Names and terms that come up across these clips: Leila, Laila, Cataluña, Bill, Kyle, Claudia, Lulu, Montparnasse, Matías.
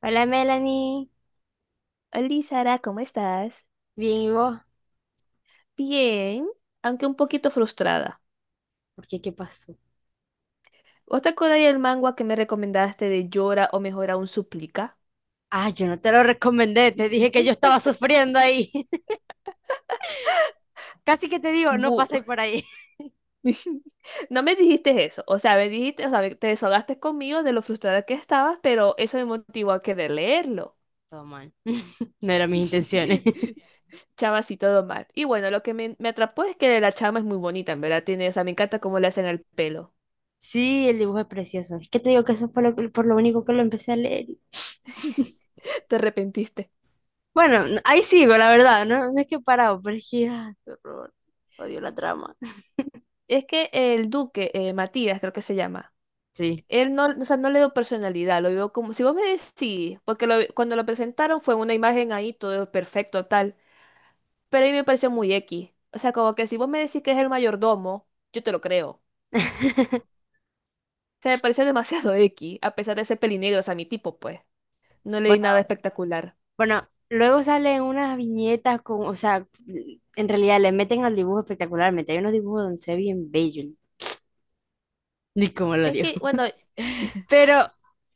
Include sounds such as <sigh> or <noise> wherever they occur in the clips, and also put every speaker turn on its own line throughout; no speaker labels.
Hola Melanie,
Hola Sara, ¿cómo estás?
bien, ¿y vos?
Bien, aunque un poquito frustrada.
¿Por qué? ¿Qué pasó?
¿Vos te acordás del manga que me recomendaste de Llora o mejor aún Suplica?
Ah, yo no te lo recomendé, te dije que yo estaba sufriendo ahí. <laughs> Casi que te digo, no
Bu-
paséis por ahí.
<laughs> No me dijiste eso, o sea, me dijiste, o sea, te desahogaste conmigo de lo frustrada que estabas, pero eso me motivó a querer leerlo.
Todo mal. <laughs> No eran mis intenciones.
<laughs>
<laughs>
Chama, sí, todo mal. Y bueno, lo que me atrapó es que la chama es muy bonita, en verdad, tiene, o sea, me encanta cómo le hacen el pelo.
Sí, el dibujo es precioso. Es que te digo que eso fue lo que- por lo único que lo empecé a leer. Y- <laughs>
<laughs> Te arrepentiste.
Bueno, n- ahí sigo, la verdad, no, no es que he parado, pero es que, ah, qué horror. Odio la trama. <laughs>
Es que el duque, Matías creo que se llama.
Sí.
Él no, o sea, no le veo personalidad, lo veo como, si vos me decís, sí, porque cuando lo presentaron fue una imagen ahí, todo perfecto, tal, pero a mí me pareció muy X. O sea, como que si vos me decís que es el mayordomo, yo te lo creo.
<laughs>
O sea, me pareció <laughs> demasiado X, a pesar de ser pelinegro, o sea, mi tipo, pues, no le di
Bueno.
nada espectacular.
Bueno, luego salen unas viñetas con, o sea, en realidad le meten al dibujo espectacularmente. Hay unos dibujos donde se ve bien bello, ni cómo lo
Es
dio.
que,
<laughs>
bueno, <laughs>
Pero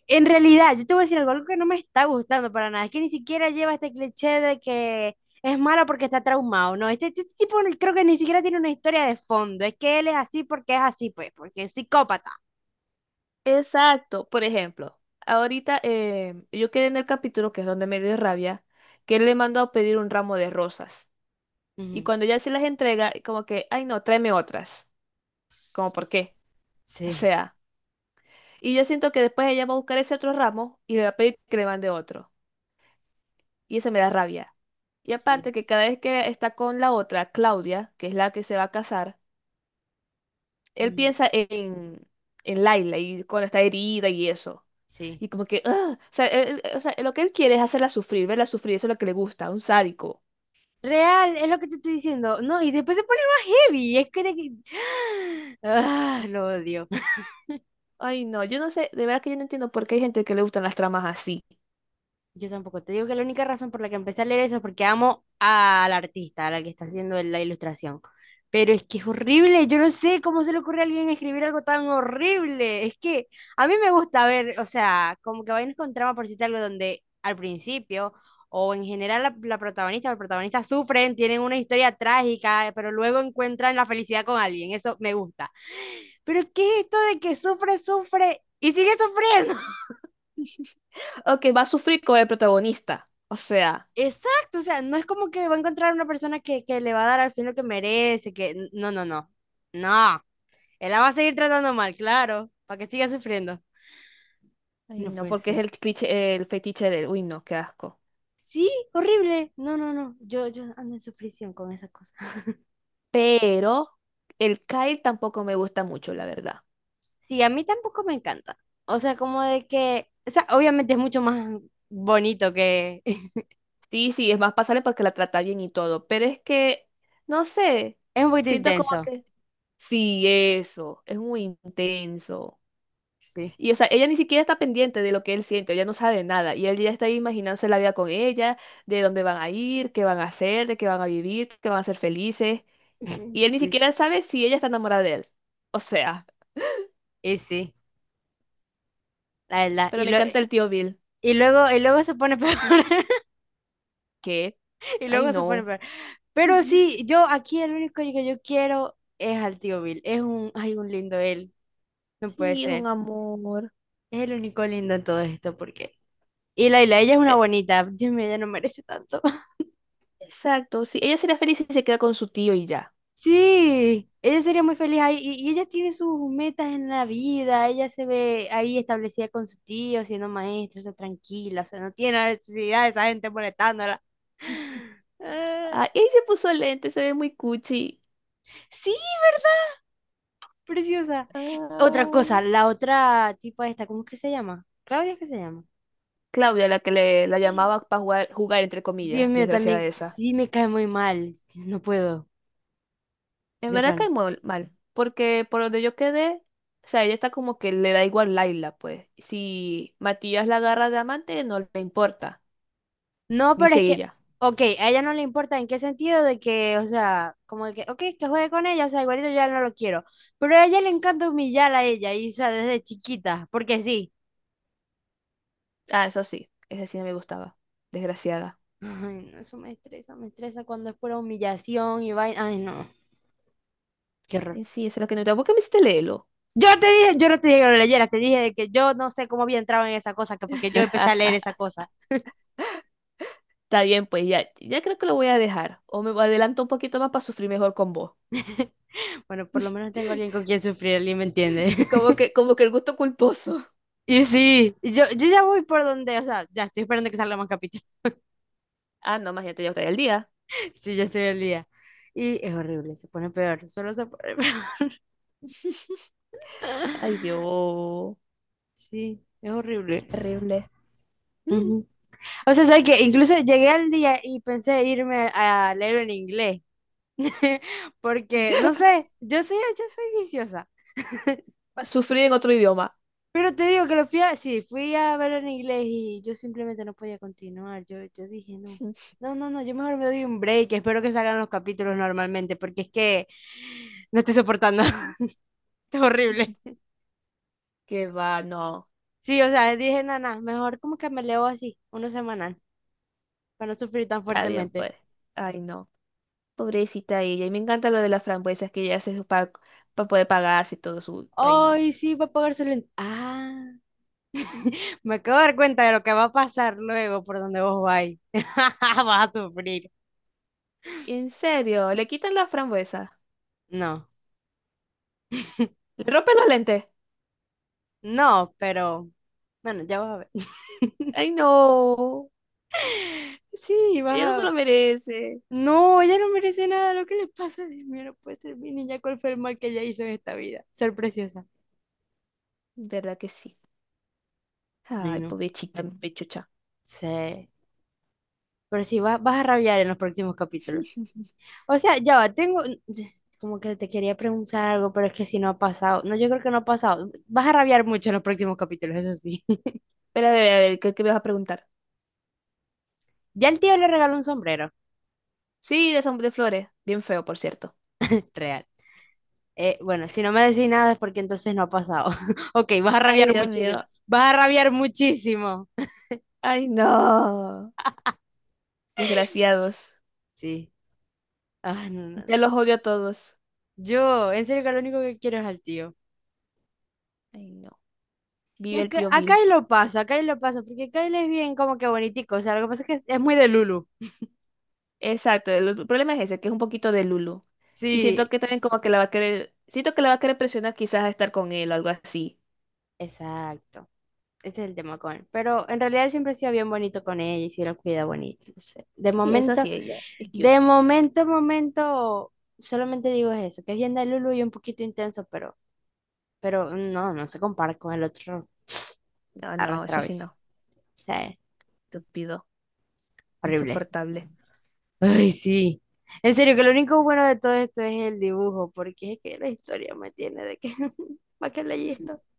en realidad, yo te voy a decir algo, algo que no me está gustando para nada. Es que ni siquiera lleva este cliché de que es malo porque está traumado. No, este tipo no- creo que ni siquiera tiene una historia de fondo. Es que él es así porque es así, pues, porque es psicópata.
exacto, por ejemplo, ahorita yo quedé en el capítulo, que es donde me dio rabia, que él le mandó a pedir un ramo de rosas. Y
Ujú.
cuando ya se las entrega, como que, ay no, tráeme otras. Como por qué. O
Sí,
sea, y yo siento que después ella va a buscar ese otro ramo y le va a pedir que le mande otro. Y eso me da rabia. Y aparte
sí,
que cada vez que está con la otra, Claudia, que es la que se va a casar, él
ujú,
piensa en Laila y cuando está herida y eso.
sí.
Y como que, ¡ah! O sea, o sea, lo que él quiere es hacerla sufrir, verla sufrir, eso es lo que le gusta, un sádico.
Real, es lo que te estoy diciendo. No, y después se pone más heavy. Es que... de que- <gasps> Ah, lo odio.
Ay, no, yo no sé, de verdad que yo no entiendo por qué hay gente que le gustan las tramas así.
Yo tampoco. Te digo que la única razón por la que empecé a leer eso es porque amo a la artista, a la que está haciendo la ilustración. Pero es que es horrible. Yo no sé cómo se le ocurre a alguien escribir algo tan horrible. Es que a mí me gusta ver, o sea, como que vainas con trama, por decirte algo, donde al principio o en general la protagonista o el protagonista sufren, tienen una historia trágica, pero luego encuentran la felicidad con alguien. Eso me gusta. Pero ¿qué es esto de que sufre, sufre y sigue sufriendo?
O que va a sufrir como el protagonista. O sea.
Exacto, o sea, no es como que va a encontrar una persona que le va a dar al fin lo que merece, que no, no, no, no, él la va a seguir tratando mal, claro, para que siga sufriendo.
Ay,
No
no,
puede
porque es
ser.
el cliché, el fetiche del, uy, no, qué asco.
Sí, horrible. No, no, no, yo ando en sufrición con esa cosa.
Pero el Kyle tampoco me gusta mucho, la verdad.
Sí, a mí tampoco me encanta. O sea, como de que, o sea, obviamente es mucho más bonito que... <laughs>
Sí, sí, es más pasable porque la trata bien y todo, pero es que, no sé,
Es un poquito
siento como
intenso.
que, sí, eso, es muy intenso.
Sí,
Y o sea, ella ni siquiera está pendiente de lo que él siente, ella no sabe nada, y él ya está ahí imaginándose la vida con ella, de dónde van a ir, qué van a hacer, de qué van a vivir, que van a ser felices, y
<laughs>
él ni
sí.
siquiera sabe si ella está enamorada de él. O sea,
Y sí, la verdad.
pero
Y,
me
lo-
encanta el tío Bill.
y luego se pone <laughs> peor.
¿Qué?
<laughs> Y
Ay,
luego se pone
no.
peor. Pero sí, yo aquí el único que yo quiero es al tío Bill. Es un, ay, un lindo él. No puede
Sí, es un
ser.
amor.
Es el único lindo en todo esto porque... Y Laila, ella es una
E-
bonita. Dios mío, ella no merece tanto. <laughs>
Exacto, sí. Ella sería feliz si se queda con su tío y ya.
Sí, ella sería muy feliz ahí. Y ella tiene sus metas en la vida. Ella se ve ahí establecida con su tío, siendo maestra, o sea, tranquila. O sea, no tiene la necesidad de esa gente molestándola. <gasps> <sighs> Eh,
Ay, y se puso lente, se ve muy cuchi.
sí, preciosa. Otra
Ay.
cosa, la otra tipa esta, ¿cómo es que se llama? ¿Claudia, es que se llama?
Claudia, la que la llamaba para jugar, jugar, entre
Dios
comillas,
mío,
desgraciada
también
esa.
sí me cae muy mal. No puedo,
En
de
verdad cae
pan.
mal, porque por donde yo quedé, o sea, ella está como que le da igual Laila, pues. Si Matías la agarra de amante, no le importa,
No, pero
dice
es que,
ella.
ok, a ella no le importa en qué sentido de que, o sea, como de que, ok, que juegue con ella, o sea, igualito yo ya no lo quiero. Pero a ella le encanta humillar a ella, y, o sea, desde chiquita, porque sí.
Ah, eso sí, esa sí no me gustaba. Desgraciada.
Ay, no, eso me estresa cuando es pura humillación y vaina. Ay, no, qué horror.
Sí, eso es lo que no te gustaba. ¿Por qué me hiciste leerlo?
Yo te dije, yo no te dije que lo leyera, te dije de que yo no sé cómo había entrado en esa cosa, que porque yo empecé a leer esa cosa.
Está bien, pues ya creo que lo voy a dejar. O me adelanto un poquito más para sufrir mejor con vos.
Bueno, por lo menos tengo alguien con quien sufrir, alguien me entiende. <laughs>
Como que el gusto culposo. <laughs>
Y sí, yo ya voy por donde, o sea, ya estoy esperando que salga más capítulo.
Ah, no, más ya te el día.
<laughs> Sí, ya estoy al día. Y es horrible, se pone peor, solo se pone peor.
Ay,
<laughs>
Dios,
Sí, es horrible.
qué horrible. Mm.
Ujú. O sea, ¿sabes que incluso llegué al día y pensé irme a leer en inglés? <laughs> Porque,
<laughs>
no sé, yo soy viciosa.
Va sufrir en otro idioma.
Pero te digo que lo fui a, sí, fui a ver en inglés y yo simplemente no podía continuar. Yo dije, no,
<laughs>
no, no, no, yo mejor me doy un break. Espero que salgan los capítulos normalmente, porque es que no estoy soportando. <laughs> Es horrible.
Qué va, no.
Sí, o sea, dije, nana, mejor como que me leo así, uno semanal, para no sufrir tan
Está bien,
fuertemente.
pues. Ay, no. Pobrecita ella. Y me encanta lo de las frambuesas que ella hace para poder pagarse y todo su. Ay, no.
Ay, sí, va a pagar su lente. Ah, me acabo de dar cuenta de lo que va a pasar luego por donde vos vais. <laughs> Vas a sufrir.
En serio, le quitan las frambuesas.
No,
Le rompen los lentes.
no, pero bueno, ya vas a ver.
Ay, no.
Sí, vas
Ella no se lo
a...
merece.
No, ella no merece nada. Lo que le pasa, Dios mío, no puede ser mi niña. ¿Cuál fue el mal que ella hizo en esta vida? Ser preciosa.
¿Verdad que sí?
Ay,
Ay,
no.
pobrecita, mi pechucha.
Sí. Pero sí, vas, vas a rabiar en los próximos capítulos. O sea, ya va, tengo... <sighs> Como que te quería preguntar algo, pero es que si no ha pasado. No, yo creo que no ha pasado. Vas a rabiar mucho en los próximos capítulos, eso sí. <laughs>
Pero a ver, ¿qué me vas a preguntar?
Ya el tío le regaló un sombrero.
Sí, de flores. Bien feo, por cierto.
<laughs> Real. Bueno, si no me decís nada es porque entonces no ha pasado. <laughs> Ok, vas a
Ay,
rabiar
Dios mío.
muchísimo. Vas a rabiar muchísimo.
Ay, no. Desgraciados.
Sí. Ah, no, no,
Ya
no.
los odio a todos.
Yo, en serio que lo único que quiero es al tío.
Ay, no.
Y
Vive el
acá,
tío
acá
Bill.
y lo paso, acá y lo paso, porque acá él es bien como que bonitico. O sea, lo que pasa es que es muy de Lulu.
Exacto. El problema es ese, que es un poquito de Lulu. Y siento
Sí,
que también como que la va a querer... Siento que la va a querer presionar quizás a estar con él o algo así.
exacto. Ese es el tema con él. Pero en realidad él siempre ha sido bien bonito con ella y sí lo cuida bonito. No sé.
Sí, eso sí, ella. Es cute.
De momento, momento, solamente digo eso, que es bien de Lulu y un poquito intenso, pero no, no se compara con el otro
No, no, eso
arrastrado
sí
ese.
no.
O sea,
Estúpido.
horrible.
Insoportable.
Ay, sí. En serio, que lo único bueno de todo esto es el dibujo, porque es que la historia me tiene de que, <laughs> ¿para qué leí esto?
<laughs>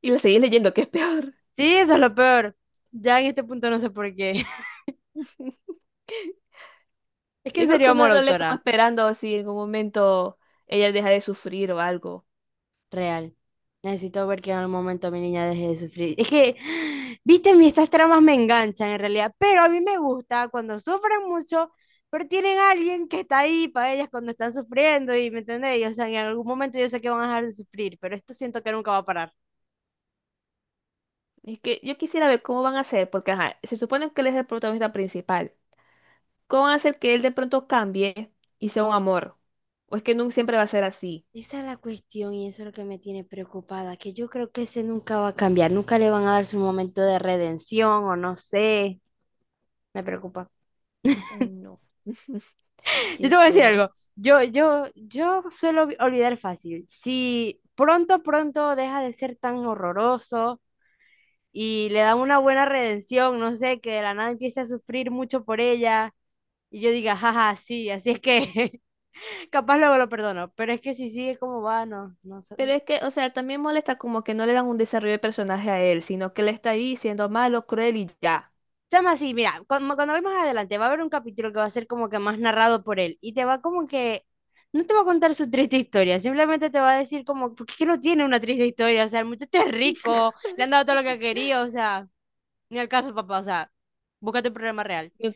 Y lo seguís leyendo, que es peor.
Sí, eso es lo peor. Ya en este punto no sé por qué. <laughs>
<laughs>
Es que
Yo
en
creo que
serio amo a
uno
la
lo lee como
autora.
esperando si en algún momento ella deja de sufrir o algo.
Real. Necesito ver que en algún momento mi niña deje de sufrir. Es que, <gasps> viste, mi estas tramas me enganchan en realidad, pero a mí me gusta cuando sufren mucho, pero tienen a alguien que está ahí para ellas cuando están sufriendo y, ¿me entendéis? O sea, en algún momento yo sé que van a dejar de sufrir, pero esto siento que nunca va a parar.
Es que yo quisiera ver cómo van a hacer, porque ajá, se supone que él es el protagonista principal. ¿Cómo van a hacer que él de pronto cambie y sea un amor? ¿O es que nunca siempre va a ser así?
Esa es la cuestión y eso es lo que me tiene preocupada, que yo creo que ese nunca va a cambiar, nunca le van a dar su momento de redención o no sé, me preocupa.
Ay, no. <laughs>
Yo
Qué
te voy a decir
feo.
algo, yo suelo olvi- olvidar fácil. Si pronto, pronto deja de ser tan horroroso y le dan una buena redención, no sé, que de la nada empiece a sufrir mucho por ella y yo diga, jaja, sí, así es que <laughs> capaz luego lo perdono, pero es que si sigue como va, no, no, sé,
Pero es que, o sea, también molesta como que no le dan un desarrollo de personaje a él, sino que él está ahí siendo malo, cruel y ya.
chama, así, mira, cuando voy más adelante va a haber un capítulo que va a ser como que más narrado por él y te va como que, no te va a contar su triste historia, simplemente te va a decir como, porque es que no tiene una triste historia, o sea, el muchacho es rico, le han dado todo lo que quería, o sea, ni al caso, papá, o sea, búscate un problema real.
Ni,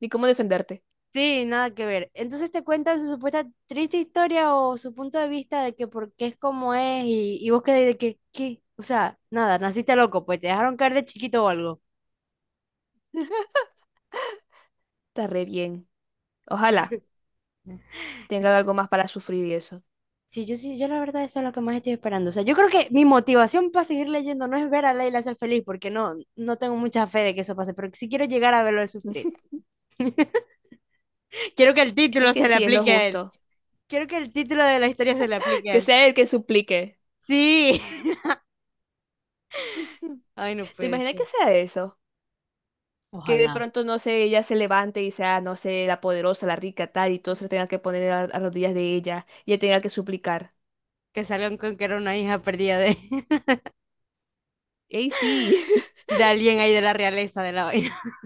ni cómo defenderte.
Sí, nada que ver. Entonces te cuentan su supuesta triste historia o su punto de vista de que por qué es como es y vos quedás de que, ¿qué? O sea, nada, naciste loco, pues te dejaron caer de chiquito o algo.
Está re bien. Ojalá tenga algo más para sufrir y eso.
Sí, yo sí, yo la verdad eso es lo que más estoy esperando. O sea, yo creo que mi motivación para seguir leyendo no es ver a Leila ser feliz, porque no, no tengo mucha fe de que eso pase, pero sí quiero llegar a verlo sufrir.
<laughs>
Quiero que el
Es
título
que
se le
sí, es lo
aplique a él.
justo.
Quiero que el título de la historia se le
<laughs>
aplique a
Que
él.
sea el que suplique.
Sí. <laughs>
<laughs>
Ay, no
¿Te
puede
imaginas
ser.
que sea eso? Que de
Ojalá.
pronto, no sé, ella se levante y sea, no sé, la poderosa, la rica, tal, y todos se tengan que poner a rodillas de ella y ella tenga que suplicar.
Que salgan con que era una hija perdida de, <laughs>
¡Ey, sí! <laughs>
de alguien ahí de la realeza de la vaina. <laughs>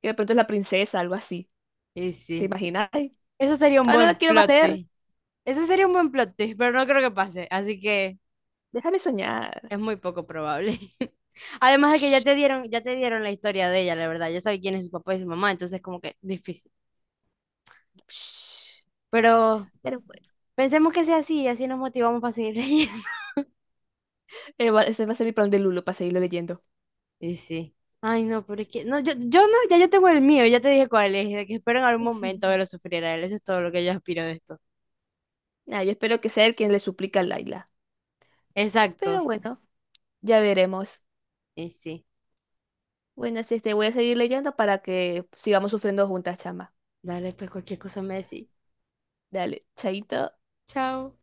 Que de pronto es la princesa, algo así.
Y
¿Te
sí.
imaginas? Ay,
Eso sería un
ahora la
buen
quiero
plot
valer.
twist. Eso sería un buen plot twist, pero no creo que pase. Así que...
Déjame soñar.
Es muy poco probable. <laughs> Además de que
Shh,
ya te dieron la historia de ella, la verdad. Ya sabes quién es su papá y su mamá, entonces como que difícil.
shh.
Pero
Pero bueno.
pensemos que sea así y así nos motivamos para seguir leyendo. <laughs>
Ese va a ser mi plan de Lulo para seguirlo leyendo.
Y sí. Ay, no, pero es que no, yo no, ya yo tengo el mío, ya te dije cuál es, de que espero en algún momento verlo
<laughs>
sufrir a él. Eso es todo lo que yo aspiro de esto.
Nah, yo espero que sea el quien le suplica a Laila. Pero
Exacto.
bueno, ya veremos.
Y sí.
Bueno, sí, este, voy a seguir leyendo para que sigamos sufriendo juntas, chama.
Dale, pues cualquier cosa me decís.
Dale, chaito.
Chao.